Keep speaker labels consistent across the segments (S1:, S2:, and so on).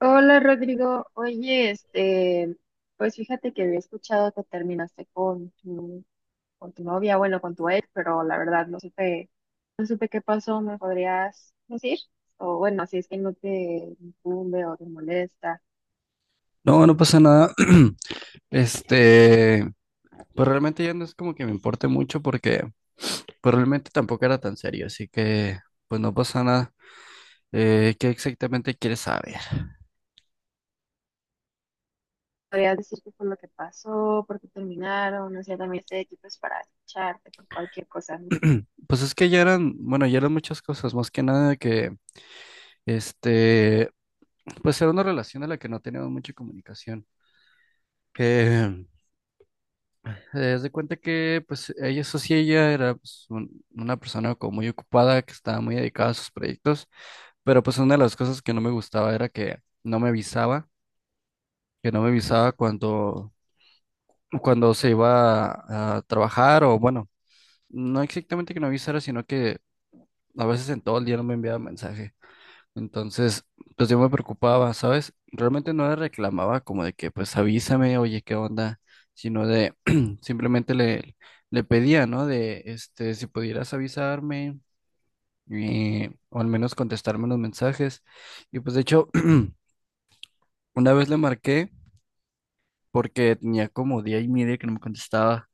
S1: Hola Rodrigo, oye, pues fíjate que había escuchado que terminaste con tu novia, bueno, con tu ex, pero la verdad no supe qué pasó, ¿me podrías decir? O bueno, si es que no te incumbe o te molesta,
S2: No, no pasa nada. Este, pues realmente ya no es como que me importe mucho porque pues realmente tampoco era tan serio, así que pues no pasa nada. ¿Qué exactamente quieres saber?
S1: ¿podrías decir qué fue lo que pasó, por qué terminaron? O sea, también este aquí es para escucharte por cualquier cosa. ¿No?
S2: Pues es que ya eran, bueno, ya eran muchas cosas, más que nada que, este, pues era una relación a la que no teníamos mucha comunicación. Eh, haz de cuenta que, pues, ella, eso sí, ella era pues, una persona como muy ocupada, que estaba muy dedicada a sus proyectos. Pero pues una de las cosas que no me gustaba era que no me avisaba, que no me avisaba cuando se iba a trabajar, o bueno, no exactamente que no avisara, sino que a veces en todo el día no me enviaba mensaje. Entonces, pues yo me preocupaba, ¿sabes? Realmente no le reclamaba como de que pues avísame, oye, ¿qué onda? Sino de simplemente le pedía, ¿no? De este, si pudieras avisarme, o al menos contestarme los mensajes. Y pues de hecho... Una vez le marqué porque tenía como día y media que no me contestaba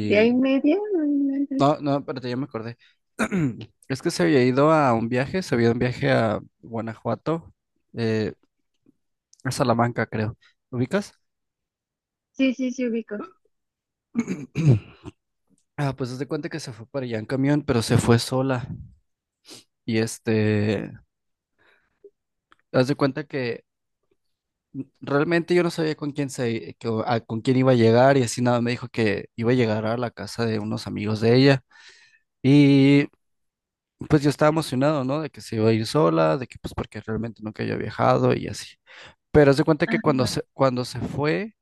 S1: ¿De ahí media? No
S2: No,
S1: inventes.
S2: no, espérate, ya me acordé. Es que se había ido a un viaje, se había ido a un viaje a Guanajuato, eh, a Salamanca, creo. ¿Ubicas?
S1: Sí, sí, sí, ubico.
S2: Ah, pues haz de cuenta que se fue para allá en camión, pero se fue sola. Y este, haz de cuenta que realmente yo no sabía con quién iba a llegar, y así nada, me dijo que iba a llegar a la casa de unos amigos de ella. Y pues yo estaba emocionado, ¿no? De que se iba a ir sola, de que pues porque realmente nunca había viajado y así. Pero se cuenta que
S1: Ajá.
S2: cuando se fue,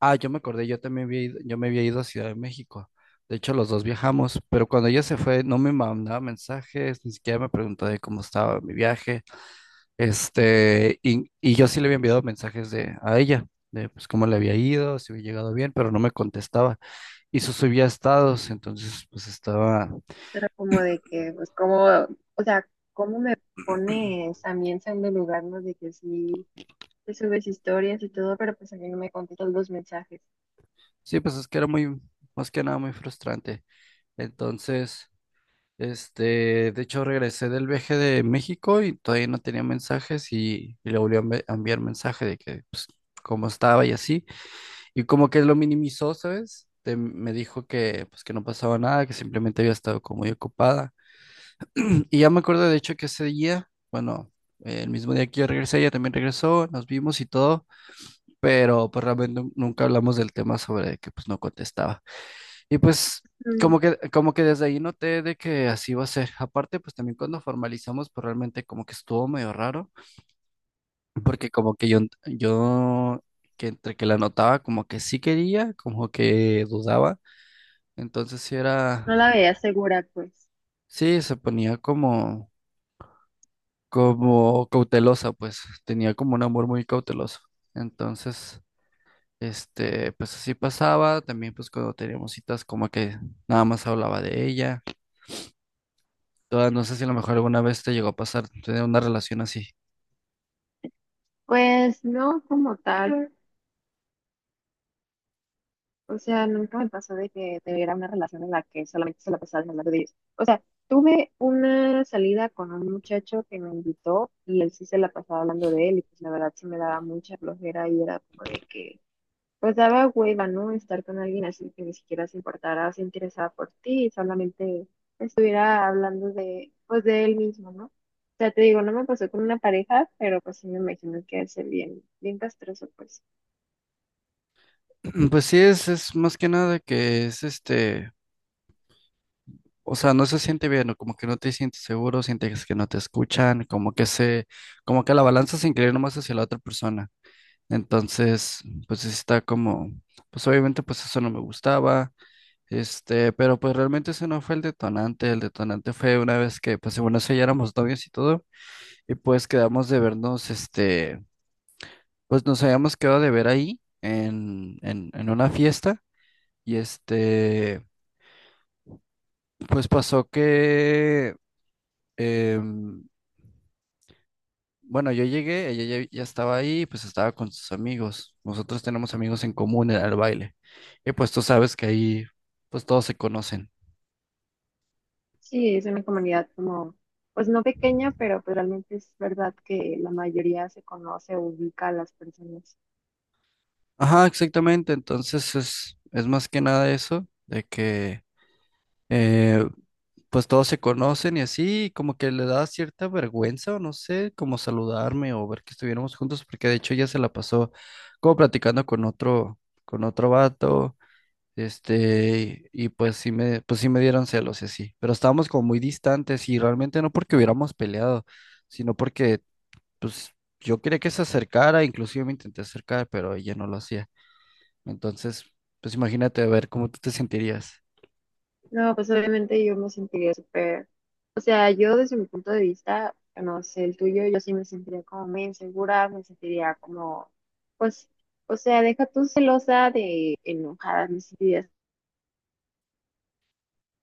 S2: ah, yo me acordé, yo me había ido a Ciudad de México. De hecho, los dos viajamos, pero cuando ella se fue, no me mandaba mensajes, ni siquiera me preguntaba de cómo estaba mi viaje. Este, y yo sí le había enviado mensajes de, a ella, de pues cómo le había ido, si había llegado bien, pero no me contestaba. Y eso subía estados, entonces pues estaba,
S1: Era como de que, pues, como, o sea, cómo me pones a mí en segundo lugar, ¿no? De que sí, te subes historias y todo, pero pues a mí no me contestas los mensajes.
S2: sí, pues es que era muy, más que nada muy frustrante. Entonces, este, de hecho regresé del viaje de México y todavía no tenía mensajes, y le volví a enviar mensaje de que, pues, cómo estaba y así. Y como que lo minimizó, ¿sabes? De, me dijo que, pues, que no pasaba nada, que simplemente había estado como muy ocupada. Y ya me acuerdo, de hecho, que ese día, bueno, el mismo día que yo regresé, ella también regresó, nos vimos y todo, pero pues realmente nunca hablamos del tema sobre que, pues, no contestaba. Y pues
S1: Mm,
S2: como que desde ahí noté de que así iba a ser. Aparte, pues también cuando formalizamos, pues realmente como que estuvo medio raro, porque como que yo que entre que la notaba como que sí quería, como que dudaba. Entonces sí
S1: no
S2: era,
S1: la veía segura, pues.
S2: sí, se ponía como, como cautelosa, pues tenía como un amor muy cauteloso. Entonces, este, pues así pasaba. También pues cuando teníamos citas como que nada más hablaba de ella. Ah, no sé si a lo mejor alguna vez te llegó a pasar tener una relación así.
S1: Pues no como tal. O sea, nunca me pasó de que tuviera una relación en la que solamente se la pasaba hablando de ellos. O sea, tuve una salida con un muchacho que me invitó y él sí se la pasaba hablando de él y pues la verdad sí me daba mucha flojera y era como de que pues daba hueva, ¿no? Estar con alguien así que ni siquiera se importara o se interesaba por ti y solamente estuviera hablando de, pues, de él mismo, ¿no? O sea, te digo, no me pasó con una pareja, pero pues sí me imagino que es bien, bien castroso, pues.
S2: Pues sí, es más que nada que es este, o sea, no se siente bien, o como que no te sientes seguro, sientes que no te escuchan, como que la balanza se inclina más hacia la otra persona. Entonces, pues sí está como, pues obviamente pues eso no me gustaba, este, pero pues realmente ese no fue el detonante fue una vez que, pues bueno, eso ya éramos novios y todo, y pues quedamos de vernos, este. Pues nos habíamos quedado de ver ahí en una fiesta y este, pues pasó que, em, bueno, yo llegué, ella ya estaba ahí, pues estaba con sus amigos. Nosotros tenemos amigos en común en el baile. Y pues tú sabes que ahí, pues todos se conocen.
S1: Sí, es una comunidad como, pues no pequeña, pero pues realmente es verdad que la mayoría se conoce, ubica a las personas.
S2: Ajá, exactamente. Entonces es más que nada eso, de que eh, pues todos se conocen y así, como que le da cierta vergüenza o no sé, como saludarme o ver que estuviéramos juntos, porque de hecho ella se la pasó como platicando con otro vato, este, y pues sí me dieron celos y así, pero estábamos como muy distantes y realmente no porque hubiéramos peleado, sino porque pues yo quería que se acercara, inclusive me intenté acercar, pero ella no lo hacía. Entonces, pues imagínate a ver cómo tú te sentirías.
S1: No, pues obviamente yo me sentiría súper, o sea, yo desde mi punto de vista, no sé, el tuyo, yo sí me sentiría como muy insegura, me sentiría como, pues, o sea, deja tú celosa de enojada, me sentiría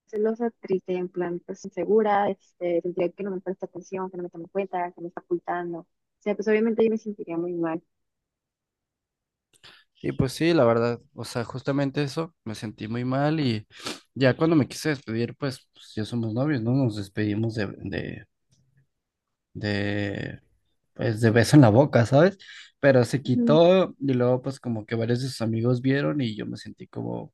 S1: celosa, triste, en plan, pues insegura, sentiría que no me presta atención, que no me toma en cuenta, que me está ocultando, o sea, pues obviamente yo me sentiría muy mal.
S2: Y pues sí, la verdad, o sea, justamente eso, me sentí muy mal y ya cuando me quise despedir, pues, ya somos novios, ¿no? Nos despedimos de, pues, de beso en la boca, ¿sabes? Pero se
S1: Ujú.
S2: quitó y luego, pues, como que varios de sus amigos vieron y yo me sentí como,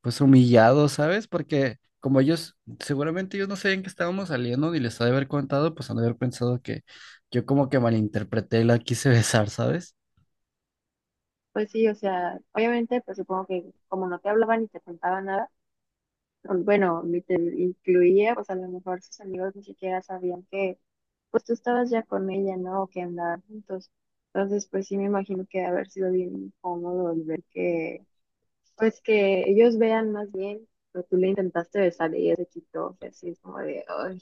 S2: pues humillado, ¿sabes? Porque como ellos, seguramente ellos no sabían que estábamos saliendo ni les ha de haber contado, pues han de haber pensado que yo como que malinterpreté y la quise besar, ¿sabes?
S1: Pues sí, o sea, obviamente, pues supongo que como no te hablaban ni te contaban nada, bueno, ni te incluía, pues a lo mejor sus amigos ni siquiera sabían que, pues tú estabas ya con ella, ¿no? O que andaban juntos. Entonces, pues sí me imagino que ha de haber sido bien incómodo el ver que, pues que ellos vean más bien, pero tú le intentaste besar y ella se quitó, o sea, así es como de, ay.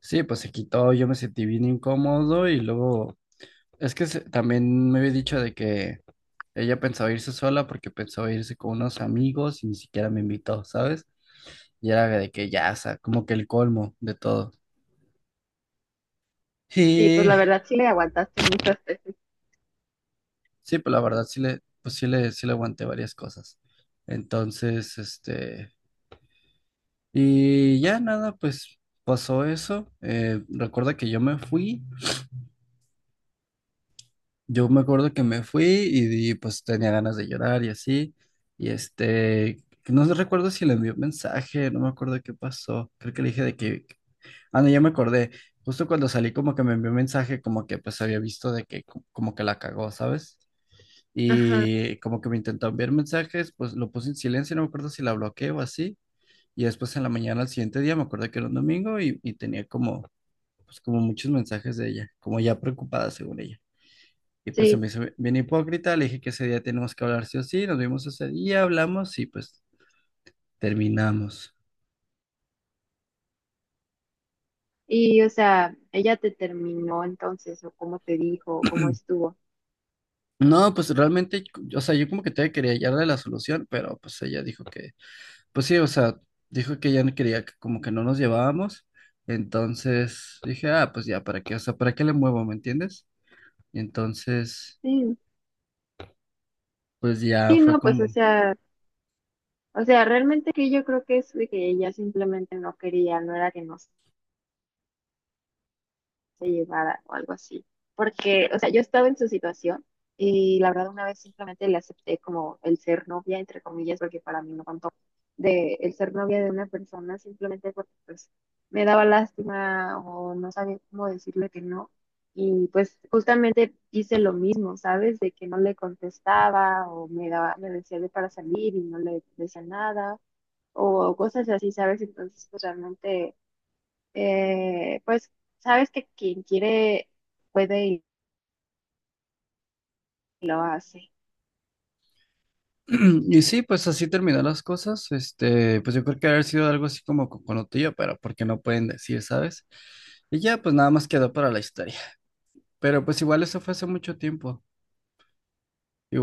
S2: Sí, pues se quitó, yo me sentí bien incómodo y luego, es que también me había dicho de que ella pensaba irse sola porque pensaba irse con unos amigos y ni siquiera me invitó, ¿sabes? Y era de que ya, o sea, como que el colmo de todo.
S1: Sí, pues
S2: Y
S1: la verdad sí le aguantaste muchas veces.
S2: sí, pues la verdad sí le, pues sí le aguanté varias cosas. Entonces, este, y ya nada, pues pasó eso. Recuerda que yo me fui, yo me acuerdo que me fui y pues tenía ganas de llorar y así. Y este, no recuerdo si le envió un mensaje, no me acuerdo qué pasó. Creo que le dije de que, ah, no, ya me acordé. Justo cuando salí como que me envió un mensaje como que pues había visto de que como que la cagó, ¿sabes?
S1: Ajá,
S2: Y como que me intentó enviar mensajes, pues lo puse en silencio, no me acuerdo si la bloqueé o así. Y después en la mañana, al siguiente día, me acuerdo que era un domingo y tenía como, pues como muchos mensajes de ella, como ya preocupada según ella. Y pues se
S1: sí.
S2: me hizo bien hipócrita, le dije que ese día tenemos que hablar sí o sí, nos vimos ese día, hablamos y pues terminamos.
S1: Y, o sea, ella te terminó entonces, o cómo te dijo, o cómo estuvo.
S2: No, pues realmente, o sea, yo como que todavía quería hallarle la solución, pero pues ella dijo que, pues sí, o sea, dijo que ya no quería, que como que no nos llevábamos. Entonces dije, ah, pues ya, ¿para qué? O sea, ¿para qué le muevo? ¿Me entiendes? Y entonces,
S1: Sí,
S2: pues ya
S1: sí,
S2: fue
S1: no, pues, o
S2: como...
S1: sea. O sea, realmente que yo creo que es de que ella simplemente no quería, no era que no se llevara o algo así. Porque, o sea, yo estaba en su situación y la verdad una vez simplemente le acepté como el ser novia, entre comillas, porque para mí no contó, de el ser novia de una persona simplemente porque pues me daba lástima o no sabía cómo decirle que no. Y pues justamente hice lo mismo, ¿sabes? De que no le contestaba o me daba, me decía de para salir y no le decía nada o cosas así, ¿sabes? Entonces, pues realmente, eh, pues, sabes que quien quiere puede y lo hace.
S2: Y sí, pues así terminó las cosas. Este, pues yo creo que haber sido algo así como coconutilla, pero porque no pueden decir, ¿sabes? Y ya, pues nada más quedó para la historia. Pero pues igual eso fue hace mucho tiempo.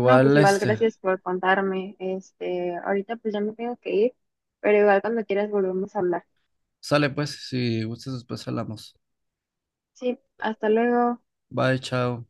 S1: No, pues igual,
S2: este,
S1: gracias por contarme. Ahorita pues ya me tengo que ir, pero igual cuando quieras volvemos a hablar.
S2: sale pues, si gustas después hablamos.
S1: Sí, hasta luego.
S2: Bye, chao.